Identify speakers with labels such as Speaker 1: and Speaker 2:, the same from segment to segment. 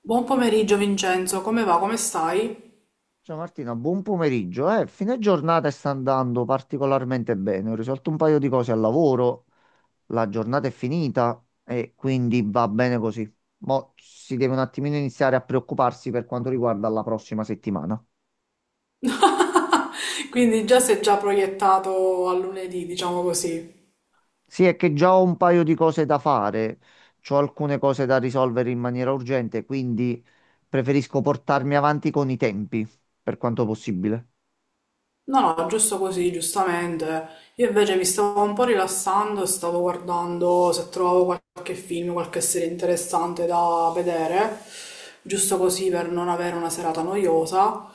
Speaker 1: Buon pomeriggio Vincenzo, come va? Come stai?
Speaker 2: Ciao Martina, buon pomeriggio. Fine giornata sta andando particolarmente bene. Ho risolto un paio di cose al lavoro, la giornata è finita e quindi va bene così. Mo' si deve un attimino iniziare a preoccuparsi per quanto riguarda la prossima settimana.
Speaker 1: Quindi già sei già proiettato a lunedì, diciamo così.
Speaker 2: Sì, è che già ho un paio di cose da fare, ho alcune cose da risolvere in maniera urgente, quindi preferisco portarmi avanti con i tempi, per quanto possibile.
Speaker 1: No, no, giusto così, giustamente. Io invece mi stavo un po' rilassando e stavo guardando se trovavo qualche film, qualche serie interessante da vedere, giusto così per non avere una serata noiosa.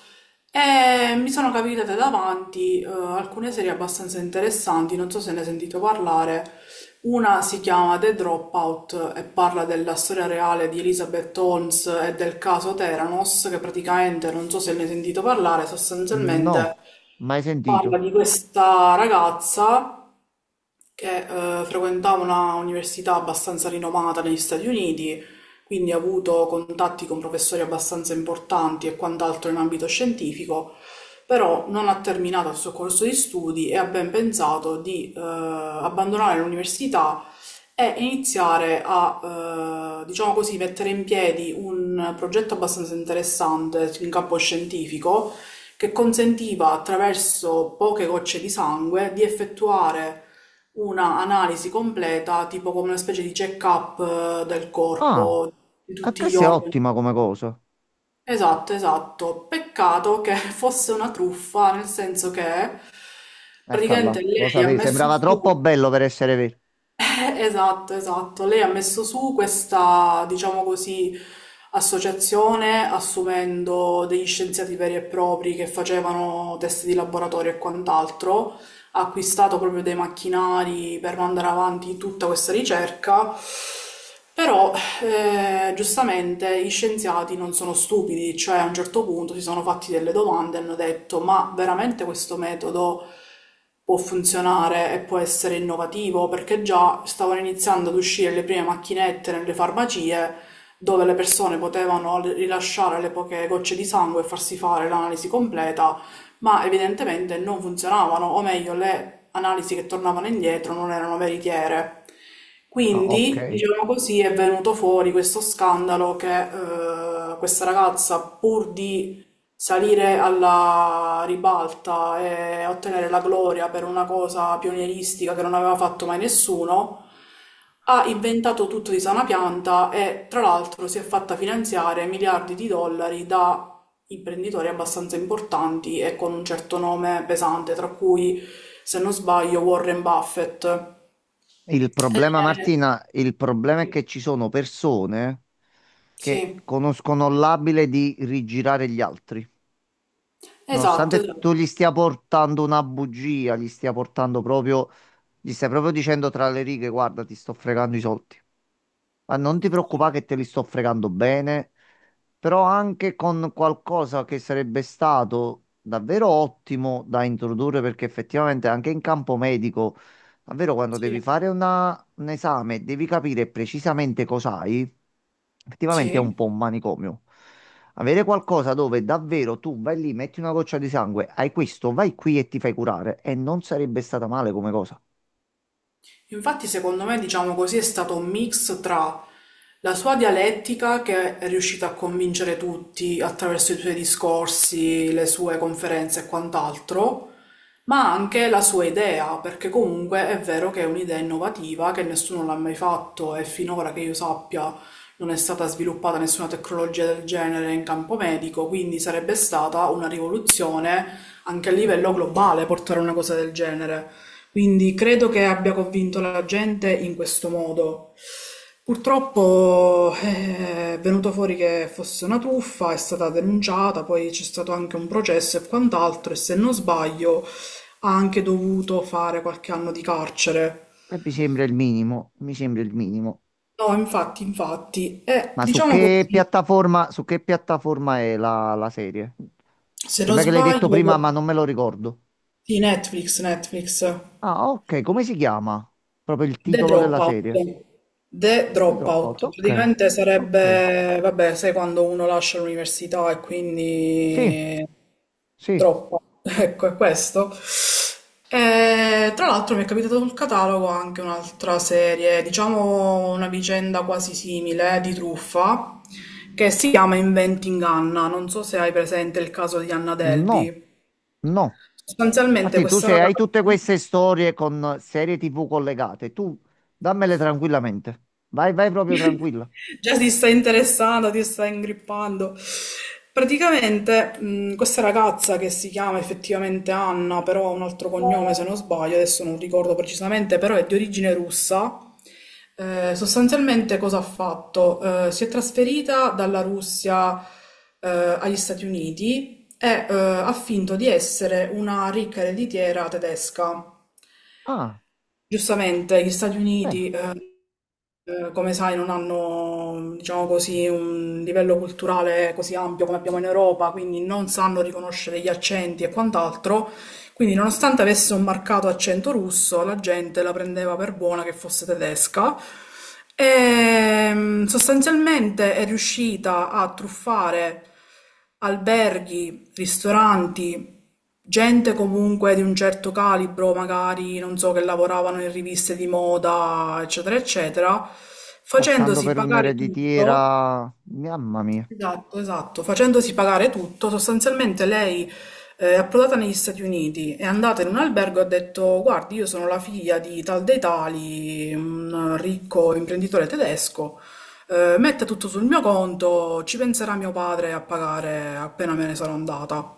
Speaker 1: E mi sono capitate davanti alcune serie abbastanza interessanti, non so se ne hai sentito parlare. Una si chiama The Dropout e parla della storia reale di Elizabeth Holmes e del caso Theranos, che praticamente, non so se ne hai sentito parlare,
Speaker 2: No,
Speaker 1: sostanzialmente
Speaker 2: mai sentito.
Speaker 1: parla di questa ragazza che frequentava una università abbastanza rinomata negli Stati Uniti, quindi ha avuto contatti con professori abbastanza importanti e quant'altro in ambito scientifico, però non ha terminato il suo corso di studi e ha ben pensato di abbandonare l'università è iniziare a, diciamo così, mettere in piedi un progetto abbastanza interessante in campo scientifico che consentiva attraverso poche gocce di sangue di effettuare una analisi completa, tipo come una specie di check-up del
Speaker 2: Ah,
Speaker 1: corpo, di
Speaker 2: e
Speaker 1: tutti gli
Speaker 2: questa è
Speaker 1: organi.
Speaker 2: ottima come cosa.
Speaker 1: Esatto, esatto. Peccato che fosse una truffa, nel senso che praticamente
Speaker 2: Eccola, lo
Speaker 1: lei ha
Speaker 2: sapevi,
Speaker 1: messo
Speaker 2: sembrava troppo
Speaker 1: su
Speaker 2: bello per essere vero.
Speaker 1: Esatto, esatto. Lei ha messo su questa, diciamo così, associazione assumendo degli scienziati veri e propri che facevano test di laboratorio e quant'altro, ha acquistato proprio dei macchinari per mandare avanti tutta questa ricerca, però giustamente gli scienziati non sono stupidi, cioè a un certo punto si sono fatti delle domande e hanno detto: ma veramente questo metodo può funzionare e può essere innovativo? Perché già stavano iniziando ad uscire le prime macchinette nelle farmacie dove le persone potevano rilasciare le poche gocce di sangue e farsi fare l'analisi completa ma evidentemente non funzionavano, o meglio, le analisi che tornavano indietro non erano veritiere.
Speaker 2: Ah, ok.
Speaker 1: Quindi, diciamo così, è venuto fuori questo scandalo che questa ragazza, pur di salire alla ribalta e ottenere la gloria per una cosa pionieristica che non aveva fatto mai nessuno, ha inventato tutto di sana pianta e tra l'altro si è fatta finanziare miliardi di dollari da imprenditori abbastanza importanti e con un certo nome pesante, tra cui, se non sbaglio, Warren Buffett.
Speaker 2: Il problema,
Speaker 1: Eh,
Speaker 2: Martina, il problema è che ci sono persone che
Speaker 1: sì,
Speaker 2: conoscono l'abile di rigirare gli altri.
Speaker 1: esatto,
Speaker 2: Nonostante
Speaker 1: esatto.
Speaker 2: tu gli stia portando una bugia, gli stia portando proprio, gli stai proprio dicendo tra le righe, guarda, ti sto fregando i soldi. Ma non ti
Speaker 1: Sì,
Speaker 2: preoccupare che te li sto fregando bene, però anche con qualcosa che sarebbe stato davvero ottimo da introdurre, perché effettivamente anche in campo medico, davvero quando
Speaker 1: sì,
Speaker 2: devi fare un esame, e devi capire precisamente cos'hai, effettivamente è un
Speaker 1: sì.
Speaker 2: po' un manicomio. Avere qualcosa dove davvero tu vai lì, metti una goccia di sangue, hai questo, vai qui e ti fai curare, e non sarebbe stata male come cosa.
Speaker 1: Infatti, secondo me, diciamo così, è stato un mix tra la sua dialettica, che è riuscita a convincere tutti attraverso i suoi discorsi, le sue conferenze e quant'altro, ma anche la sua idea, perché comunque è vero che è un'idea innovativa, che nessuno l'ha mai fatto e finora che io sappia non è stata sviluppata nessuna tecnologia del genere in campo medico, quindi sarebbe stata una rivoluzione anche a livello globale portare una cosa del genere. Quindi credo che abbia convinto la gente in questo modo. Purtroppo è venuto fuori che fosse una truffa, è stata denunciata, poi c'è stato anche un processo e quant'altro, e se non sbaglio ha anche dovuto fare qualche anno di carcere.
Speaker 2: E mi sembra il minimo, mi sembra il minimo.
Speaker 1: No, infatti, infatti. E
Speaker 2: Ma
Speaker 1: diciamo così,
Speaker 2: su che piattaforma è la serie?
Speaker 1: se non
Speaker 2: Sembra che l'hai detto
Speaker 1: sbaglio,
Speaker 2: prima, ma non me lo ricordo.
Speaker 1: di Netflix, Netflix.
Speaker 2: Ah, ok, come si chiama? Proprio il
Speaker 1: The
Speaker 2: titolo della
Speaker 1: Dropout.
Speaker 2: serie.
Speaker 1: The
Speaker 2: The
Speaker 1: Dropout.
Speaker 2: Dropout, ok,
Speaker 1: Praticamente
Speaker 2: ok.
Speaker 1: sarebbe, vabbè, sai quando uno lascia l'università e
Speaker 2: Sì,
Speaker 1: quindi
Speaker 2: sì,
Speaker 1: droppa. Ecco, è questo. E, tra l'altro mi è capitato sul catalogo anche un'altra serie, diciamo una vicenda quasi simile di truffa, che si chiama Inventing Anna. Non so se hai presente il caso di Anna
Speaker 2: no,
Speaker 1: Delvey.
Speaker 2: no.
Speaker 1: Sostanzialmente
Speaker 2: Martì, tu
Speaker 1: questa
Speaker 2: se hai
Speaker 1: ragazza...
Speaker 2: tutte queste storie con serie TV collegate, tu dammele tranquillamente. Vai, vai proprio tranquilla.
Speaker 1: Già si sta interessando, ti sta ingrippando. Praticamente, questa ragazza che si chiama effettivamente Anna, però ha un altro cognome se non sbaglio, adesso non ricordo precisamente, però è di origine russa. Sostanzialmente cosa ha fatto? Si è trasferita dalla Russia, agli Stati Uniti e, ha finto di essere una ricca ereditiera tedesca.
Speaker 2: Ah,
Speaker 1: Giustamente, gli Stati
Speaker 2: bene.
Speaker 1: Uniti, come sai, non hanno, diciamo così, un livello culturale così ampio come abbiamo in Europa, quindi non sanno riconoscere gli accenti e quant'altro, quindi, nonostante avesse un marcato accento russo, la gente la prendeva per buona che fosse tedesca. E sostanzialmente è riuscita a truffare alberghi, ristoranti, gente comunque di un certo calibro, magari non so, che lavoravano in riviste di moda, eccetera, eccetera,
Speaker 2: Passando
Speaker 1: facendosi
Speaker 2: per
Speaker 1: pagare tutto.
Speaker 2: un'ereditiera, mamma mia.
Speaker 1: Esatto, esatto. Facendosi pagare tutto, sostanzialmente lei è approdata negli Stati Uniti, è andata in un albergo e ha detto: guardi, io sono la figlia di tal dei tali, un ricco imprenditore tedesco, metta tutto sul mio conto, ci penserà mio padre a pagare appena me ne sarò andata.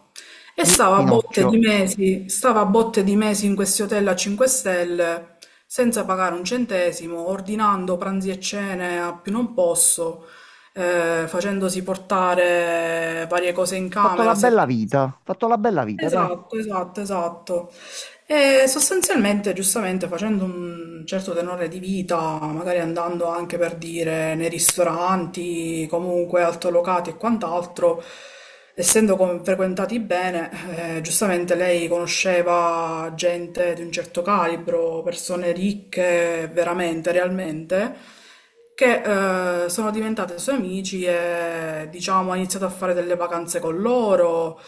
Speaker 1: E
Speaker 2: Ri-
Speaker 1: stava a botte di
Speaker 2: Pinocchio.
Speaker 1: mesi, stava a botte di mesi in questi hotel a 5 stelle, senza pagare un centesimo, ordinando pranzi e cene a più non posso, facendosi portare varie cose in
Speaker 2: Fatto la
Speaker 1: camera,
Speaker 2: bella
Speaker 1: servizi.
Speaker 2: vita, fatto la bella vita, dai.
Speaker 1: Esatto, esatto, esatto. E sostanzialmente, giustamente, facendo un certo tenore di vita, magari andando anche per dire nei ristoranti, comunque altolocati e quant'altro, essendo frequentati bene, giustamente lei conosceva gente di un certo calibro, persone ricche veramente, realmente che sono diventate sue amici e diciamo ha iniziato a fare delle vacanze con loro,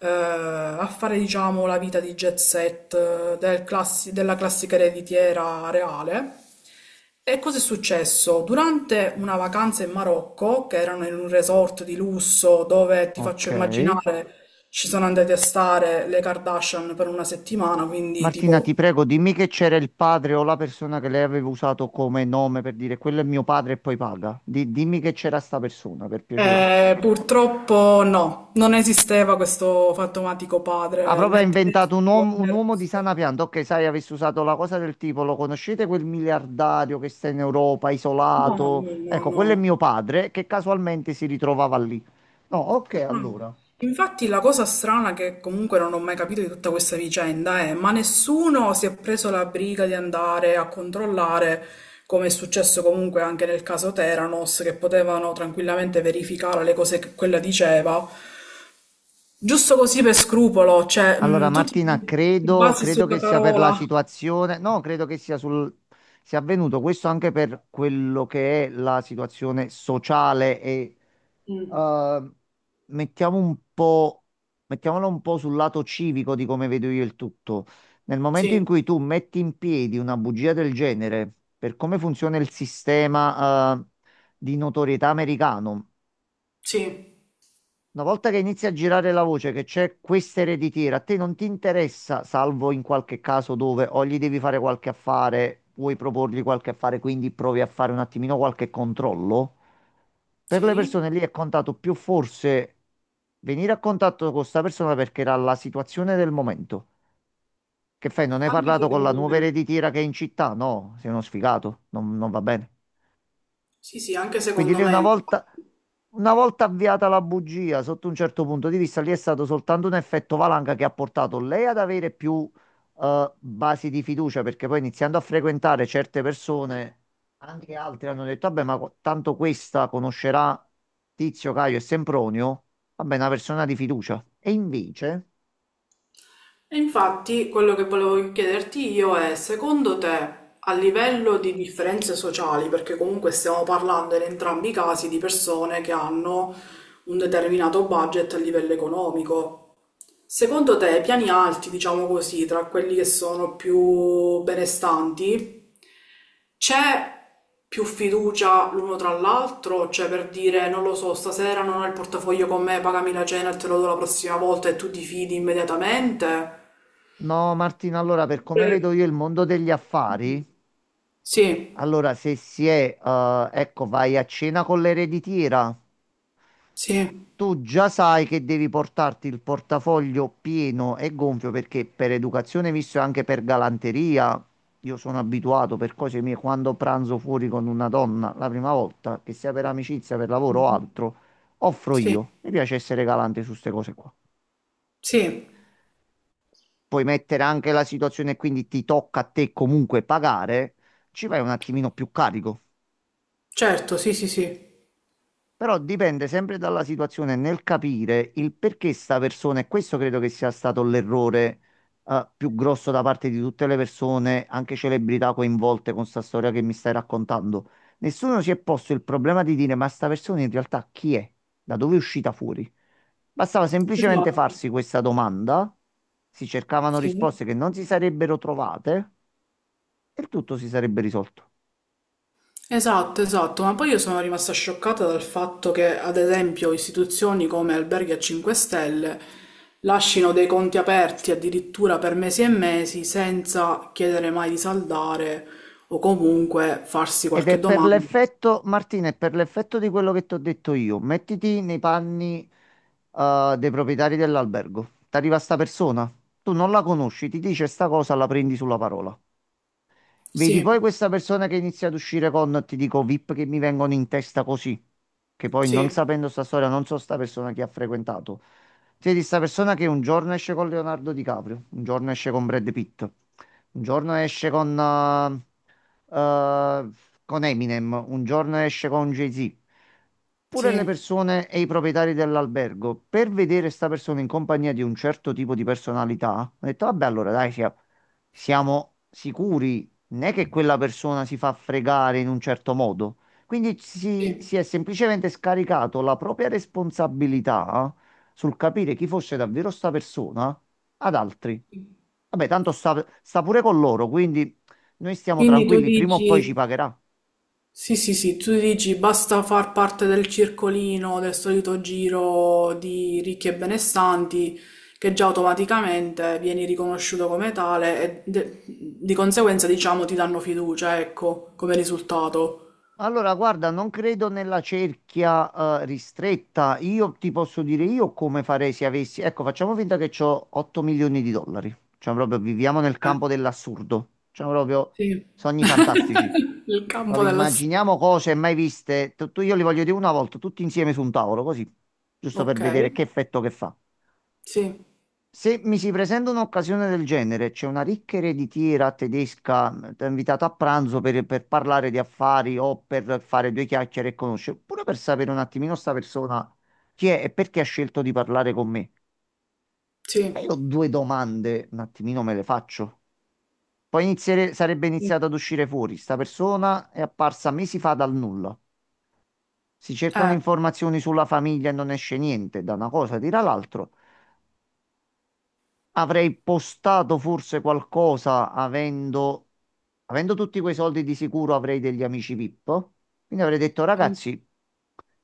Speaker 1: a fare diciamo la vita di jet set della classica ereditiera reale. E cosa è successo? Durante una vacanza in Marocco, che erano in un resort di lusso dove ti
Speaker 2: Ok.
Speaker 1: faccio immaginare ci sono andate a stare le Kardashian per una settimana, quindi
Speaker 2: Martina, ti
Speaker 1: tipo
Speaker 2: prego, dimmi che c'era il padre o la persona che lei aveva usato come nome per dire quello è mio padre e poi paga. Dimmi che c'era sta persona, per piacere.
Speaker 1: Purtroppo no, non esisteva questo fantomatico
Speaker 2: Ha
Speaker 1: padre
Speaker 2: proprio
Speaker 1: né
Speaker 2: inventato
Speaker 1: tedesco
Speaker 2: un
Speaker 1: né
Speaker 2: uomo di
Speaker 1: russo.
Speaker 2: sana pianta. Ok, sai, avessi usato la cosa del tipo, lo conoscete quel miliardario che sta in Europa,
Speaker 1: No,
Speaker 2: isolato?
Speaker 1: no, no,
Speaker 2: Ecco, quello è
Speaker 1: no.
Speaker 2: mio padre, che casualmente si ritrovava lì. No, ok,
Speaker 1: No.
Speaker 2: allora.
Speaker 1: Infatti la cosa strana che comunque non ho mai capito di tutta questa vicenda è, ma nessuno si è preso la briga di andare a controllare, come è successo comunque anche nel caso Theranos, che potevano tranquillamente verificare le cose che quella diceva, giusto così per scrupolo, cioè,
Speaker 2: Allora,
Speaker 1: tu
Speaker 2: Martina,
Speaker 1: ti,
Speaker 2: credo,
Speaker 1: basi
Speaker 2: credo
Speaker 1: sulla
Speaker 2: che sia per la
Speaker 1: parola.
Speaker 2: situazione, no, credo che sia avvenuto questo anche per quello che è la situazione sociale e
Speaker 1: Mm,
Speaker 2: eh, mettiamo un po', mettiamolo un po' sul lato civico di come vedo io il tutto. Nel momento
Speaker 1: sì.
Speaker 2: in cui tu metti in piedi una bugia del genere, per come funziona il sistema di notorietà americano,
Speaker 1: Sì,
Speaker 2: una volta che inizia a girare la voce che c'è questa ereditiera, a te non ti interessa, salvo in qualche caso dove o gli devi fare qualche affare, vuoi proporgli qualche affare, quindi provi a fare un attimino qualche controllo. Per le
Speaker 1: sì,
Speaker 2: persone lì è contato più forse venire a contatto con questa persona, perché era la situazione del momento. Che fai? Non hai
Speaker 1: anche
Speaker 2: parlato con la
Speaker 1: secondo
Speaker 2: nuova
Speaker 1: me.
Speaker 2: ereditiera che è in città? No, sei uno sfigato, non va bene.
Speaker 1: Sì, sì, anche
Speaker 2: Quindi
Speaker 1: secondo
Speaker 2: lì una
Speaker 1: me.
Speaker 2: volta, una volta avviata la bugia, sotto un certo punto di vista, lì è stato soltanto un effetto valanga che ha portato lei ad avere più basi di fiducia, perché poi iniziando a frequentare certe persone, anche altri hanno detto, vabbè, ma tanto questa conoscerà Tizio, Caio e Sempronio, vabbè, è una persona di fiducia. E invece,
Speaker 1: E infatti quello che volevo chiederti io è, secondo te, a livello di differenze sociali, perché comunque stiamo parlando in entrambi i casi di persone che hanno un determinato budget a livello economico, secondo te, i piani alti, diciamo così, tra quelli che sono più benestanti, c'è più fiducia l'uno tra l'altro? Cioè, per dire, non lo so, stasera non ho il portafoglio con me, pagami la cena e te lo do la prossima volta e tu ti fidi immediatamente?
Speaker 2: no, Martina, allora per come
Speaker 1: Oppure-
Speaker 2: vedo io il mondo degli affari,
Speaker 1: Sì,
Speaker 2: allora se si è, ecco, vai a cena con l'ereditiera.
Speaker 1: sì,
Speaker 2: Tu già sai che devi portarti il portafoglio pieno e gonfio, perché per educazione, visto e anche per galanteria, io sono abituato per cose mie: quando pranzo fuori con una donna la prima volta, che sia per amicizia, per lavoro o
Speaker 1: mhm,
Speaker 2: altro, offro
Speaker 1: sì,
Speaker 2: io. Mi piace essere galante su queste cose qua.
Speaker 1: sì,
Speaker 2: Puoi mettere anche la situazione, quindi ti tocca a te comunque pagare, ci vai un attimino più carico.
Speaker 1: certo, sì, sì, sì.
Speaker 2: Però dipende sempre dalla situazione nel capire il perché sta persona, e questo credo che sia stato l'errore più grosso da parte di tutte le persone, anche celebrità, coinvolte con sta storia che mi stai raccontando. Nessuno si è posto il problema di dire: ma sta persona in realtà chi è? Da dove è uscita fuori? Bastava semplicemente
Speaker 1: Esatto,
Speaker 2: farsi questa domanda, si cercavano
Speaker 1: sì.
Speaker 2: risposte che non si sarebbero trovate e il tutto si sarebbe risolto.
Speaker 1: Esatto, esatto, ma poi io sono rimasta scioccata dal fatto che, ad esempio, istituzioni come alberghi a 5 stelle lasciano dei conti aperti addirittura per mesi e mesi senza chiedere mai di saldare o comunque farsi
Speaker 2: Ed è
Speaker 1: qualche
Speaker 2: per
Speaker 1: domanda.
Speaker 2: l'effetto, Martina, è per l'effetto di quello che ti ho detto io. Mettiti nei panni, dei proprietari dell'albergo. Ti arriva sta persona, tu non la conosci, ti dice sta cosa, la prendi sulla parola. Vedi poi
Speaker 1: Sì,
Speaker 2: questa persona che inizia ad uscire con, ti dico, VIP che mi vengono in testa così, che poi, non
Speaker 1: sì,
Speaker 2: sapendo sta storia, non so sta persona che ha frequentato. Vedi sta persona che un giorno esce con Leonardo DiCaprio, un giorno esce con Brad Pitt, un giorno esce eh, con Eminem, un giorno esce con Jay-Z. Pure le
Speaker 1: sì,
Speaker 2: persone e i proprietari dell'albergo, per vedere sta persona in compagnia di un certo tipo di personalità, ho detto, vabbè, allora dai, siamo sicuri, non è che quella persona si fa fregare in un certo modo. Quindi si,
Speaker 1: sì.
Speaker 2: si è semplicemente scaricato la propria responsabilità sul capire chi fosse davvero sta persona ad altri. Vabbè, tanto sta pure con loro, quindi noi stiamo
Speaker 1: Quindi tu
Speaker 2: tranquilli, prima o poi ci
Speaker 1: dici
Speaker 2: pagherà.
Speaker 1: sì, sì, sì, tu dici basta far parte del circolino, del solito giro di ricchi e benestanti, che già automaticamente vieni riconosciuto come tale e di conseguenza, diciamo, ti danno fiducia, ecco, come risultato.
Speaker 2: Allora, guarda, non credo nella cerchia, ristretta. Io ti posso dire io come farei se avessi. Ecco, facciamo finta che ho 8 milioni di dollari. Cioè, proprio viviamo nel
Speaker 1: Eh,
Speaker 2: campo dell'assurdo. Cioè, proprio
Speaker 1: sì.
Speaker 2: sogni fantastici.
Speaker 1: Il campo
Speaker 2: Proprio
Speaker 1: dello.
Speaker 2: immaginiamo cose mai viste. Io li voglio dire una volta, tutti insieme su un tavolo, così. Giusto per
Speaker 1: Ok,
Speaker 2: vedere che effetto che fa.
Speaker 1: sì,
Speaker 2: Se mi si presenta un'occasione del genere, c'è una ricca ereditiera tedesca, ti ha invitato a pranzo per, parlare di affari o per fare due chiacchiere e conoscere, pure per sapere un attimino sta persona chi è e perché ha scelto di parlare con me. Ma
Speaker 1: sì,
Speaker 2: io due domande, un attimino me le faccio. Poi sarebbe
Speaker 1: sì.
Speaker 2: iniziato ad uscire fuori. Sta persona è apparsa mesi fa dal nulla. Si cercano
Speaker 1: Eh,
Speaker 2: informazioni sulla famiglia e non esce niente, da una cosa tira l'altro. Avrei postato forse qualcosa, avendo tutti quei soldi di sicuro avrei degli amici VIP. Quindi avrei detto,
Speaker 1: sì.
Speaker 2: ragazzi,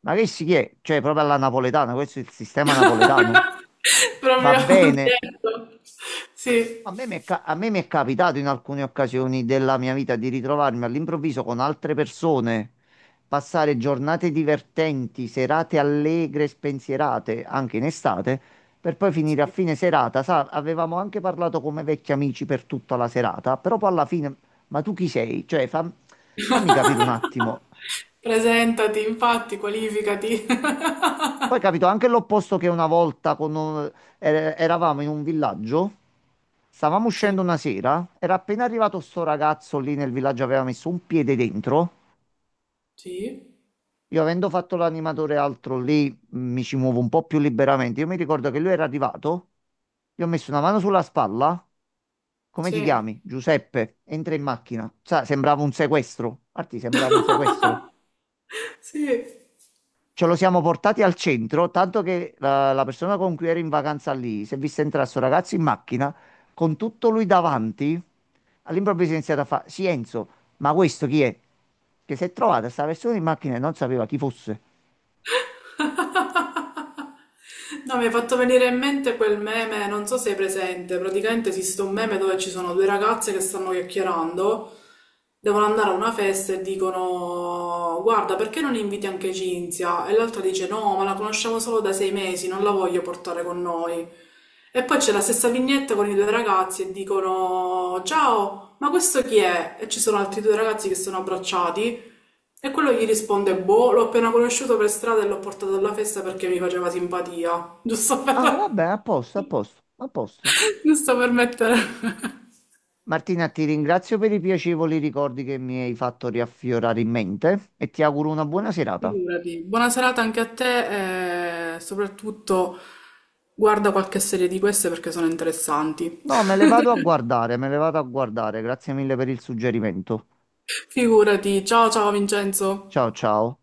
Speaker 2: ma che si è? Cioè, proprio alla napoletana, questo è il sistema napoletano. Va
Speaker 1: Proprio
Speaker 2: bene,
Speaker 1: detto. Sì,
Speaker 2: a me mi è capitato in alcune occasioni della mia vita di ritrovarmi all'improvviso con altre persone, passare giornate divertenti, serate allegre, spensierate, anche in estate, per poi finire a
Speaker 1: sì.
Speaker 2: fine serata. Sa, avevamo anche parlato come vecchi amici per tutta la serata, però poi alla fine, ma tu chi sei? Cioè, fammi capire un attimo.
Speaker 1: Presentati, infatti, qualificati.
Speaker 2: Poi capito anche l'opposto, che una volta con eravamo in un villaggio, stavamo
Speaker 1: Sì,
Speaker 2: uscendo una sera, era appena arrivato sto ragazzo lì nel villaggio, aveva messo un piede dentro.
Speaker 1: sì,
Speaker 2: Io avendo fatto l'animatore e altro lì, mi ci muovo un po' più liberamente. Io mi ricordo che lui era arrivato, gli ho messo una mano sulla spalla. Come ti
Speaker 1: sì.
Speaker 2: chiami? Giuseppe, entra in macchina. Sa, sembrava un sequestro. Arti, sembrava un sequestro.
Speaker 1: Sì.
Speaker 2: Ce lo siamo portati al centro, tanto che la persona con cui ero in vacanza lì si è vista entrare sto ragazzo in macchina con tutto lui davanti. All'improvviso è iniziato a fare: sì, Enzo, ma questo chi è? Che si è trovata sta persona in macchina e non sapeva chi fosse.
Speaker 1: No, mi hai fatto venire in mente quel meme, non so se hai presente, praticamente esiste un meme dove ci sono due ragazze che stanno chiacchierando, devono andare a una festa e dicono: guarda, perché non inviti anche Cinzia? E l'altra dice: no, ma la conosciamo solo da 6 mesi, non la voglio portare con noi. E poi c'è la stessa vignetta con i due ragazzi e dicono: ciao, ma questo chi è? E ci sono altri due ragazzi che sono abbracciati e quello gli risponde: boh, l'ho appena conosciuto per strada e l'ho portato alla festa perché mi faceva simpatia. Giusto per,
Speaker 2: Ah, vabbè, a posto, a posto, a posto.
Speaker 1: giusto per mettere...
Speaker 2: Martina, ti ringrazio per i piacevoli ricordi che mi hai fatto riaffiorare in mente e ti auguro una buona serata.
Speaker 1: Figurati. Buona serata anche a te e soprattutto guarda qualche serie di queste perché sono interessanti.
Speaker 2: No, me le vado a guardare, me le vado a guardare. Grazie mille per il suggerimento.
Speaker 1: Figurati. Ciao ciao
Speaker 2: Ciao,
Speaker 1: Vincenzo.
Speaker 2: ciao.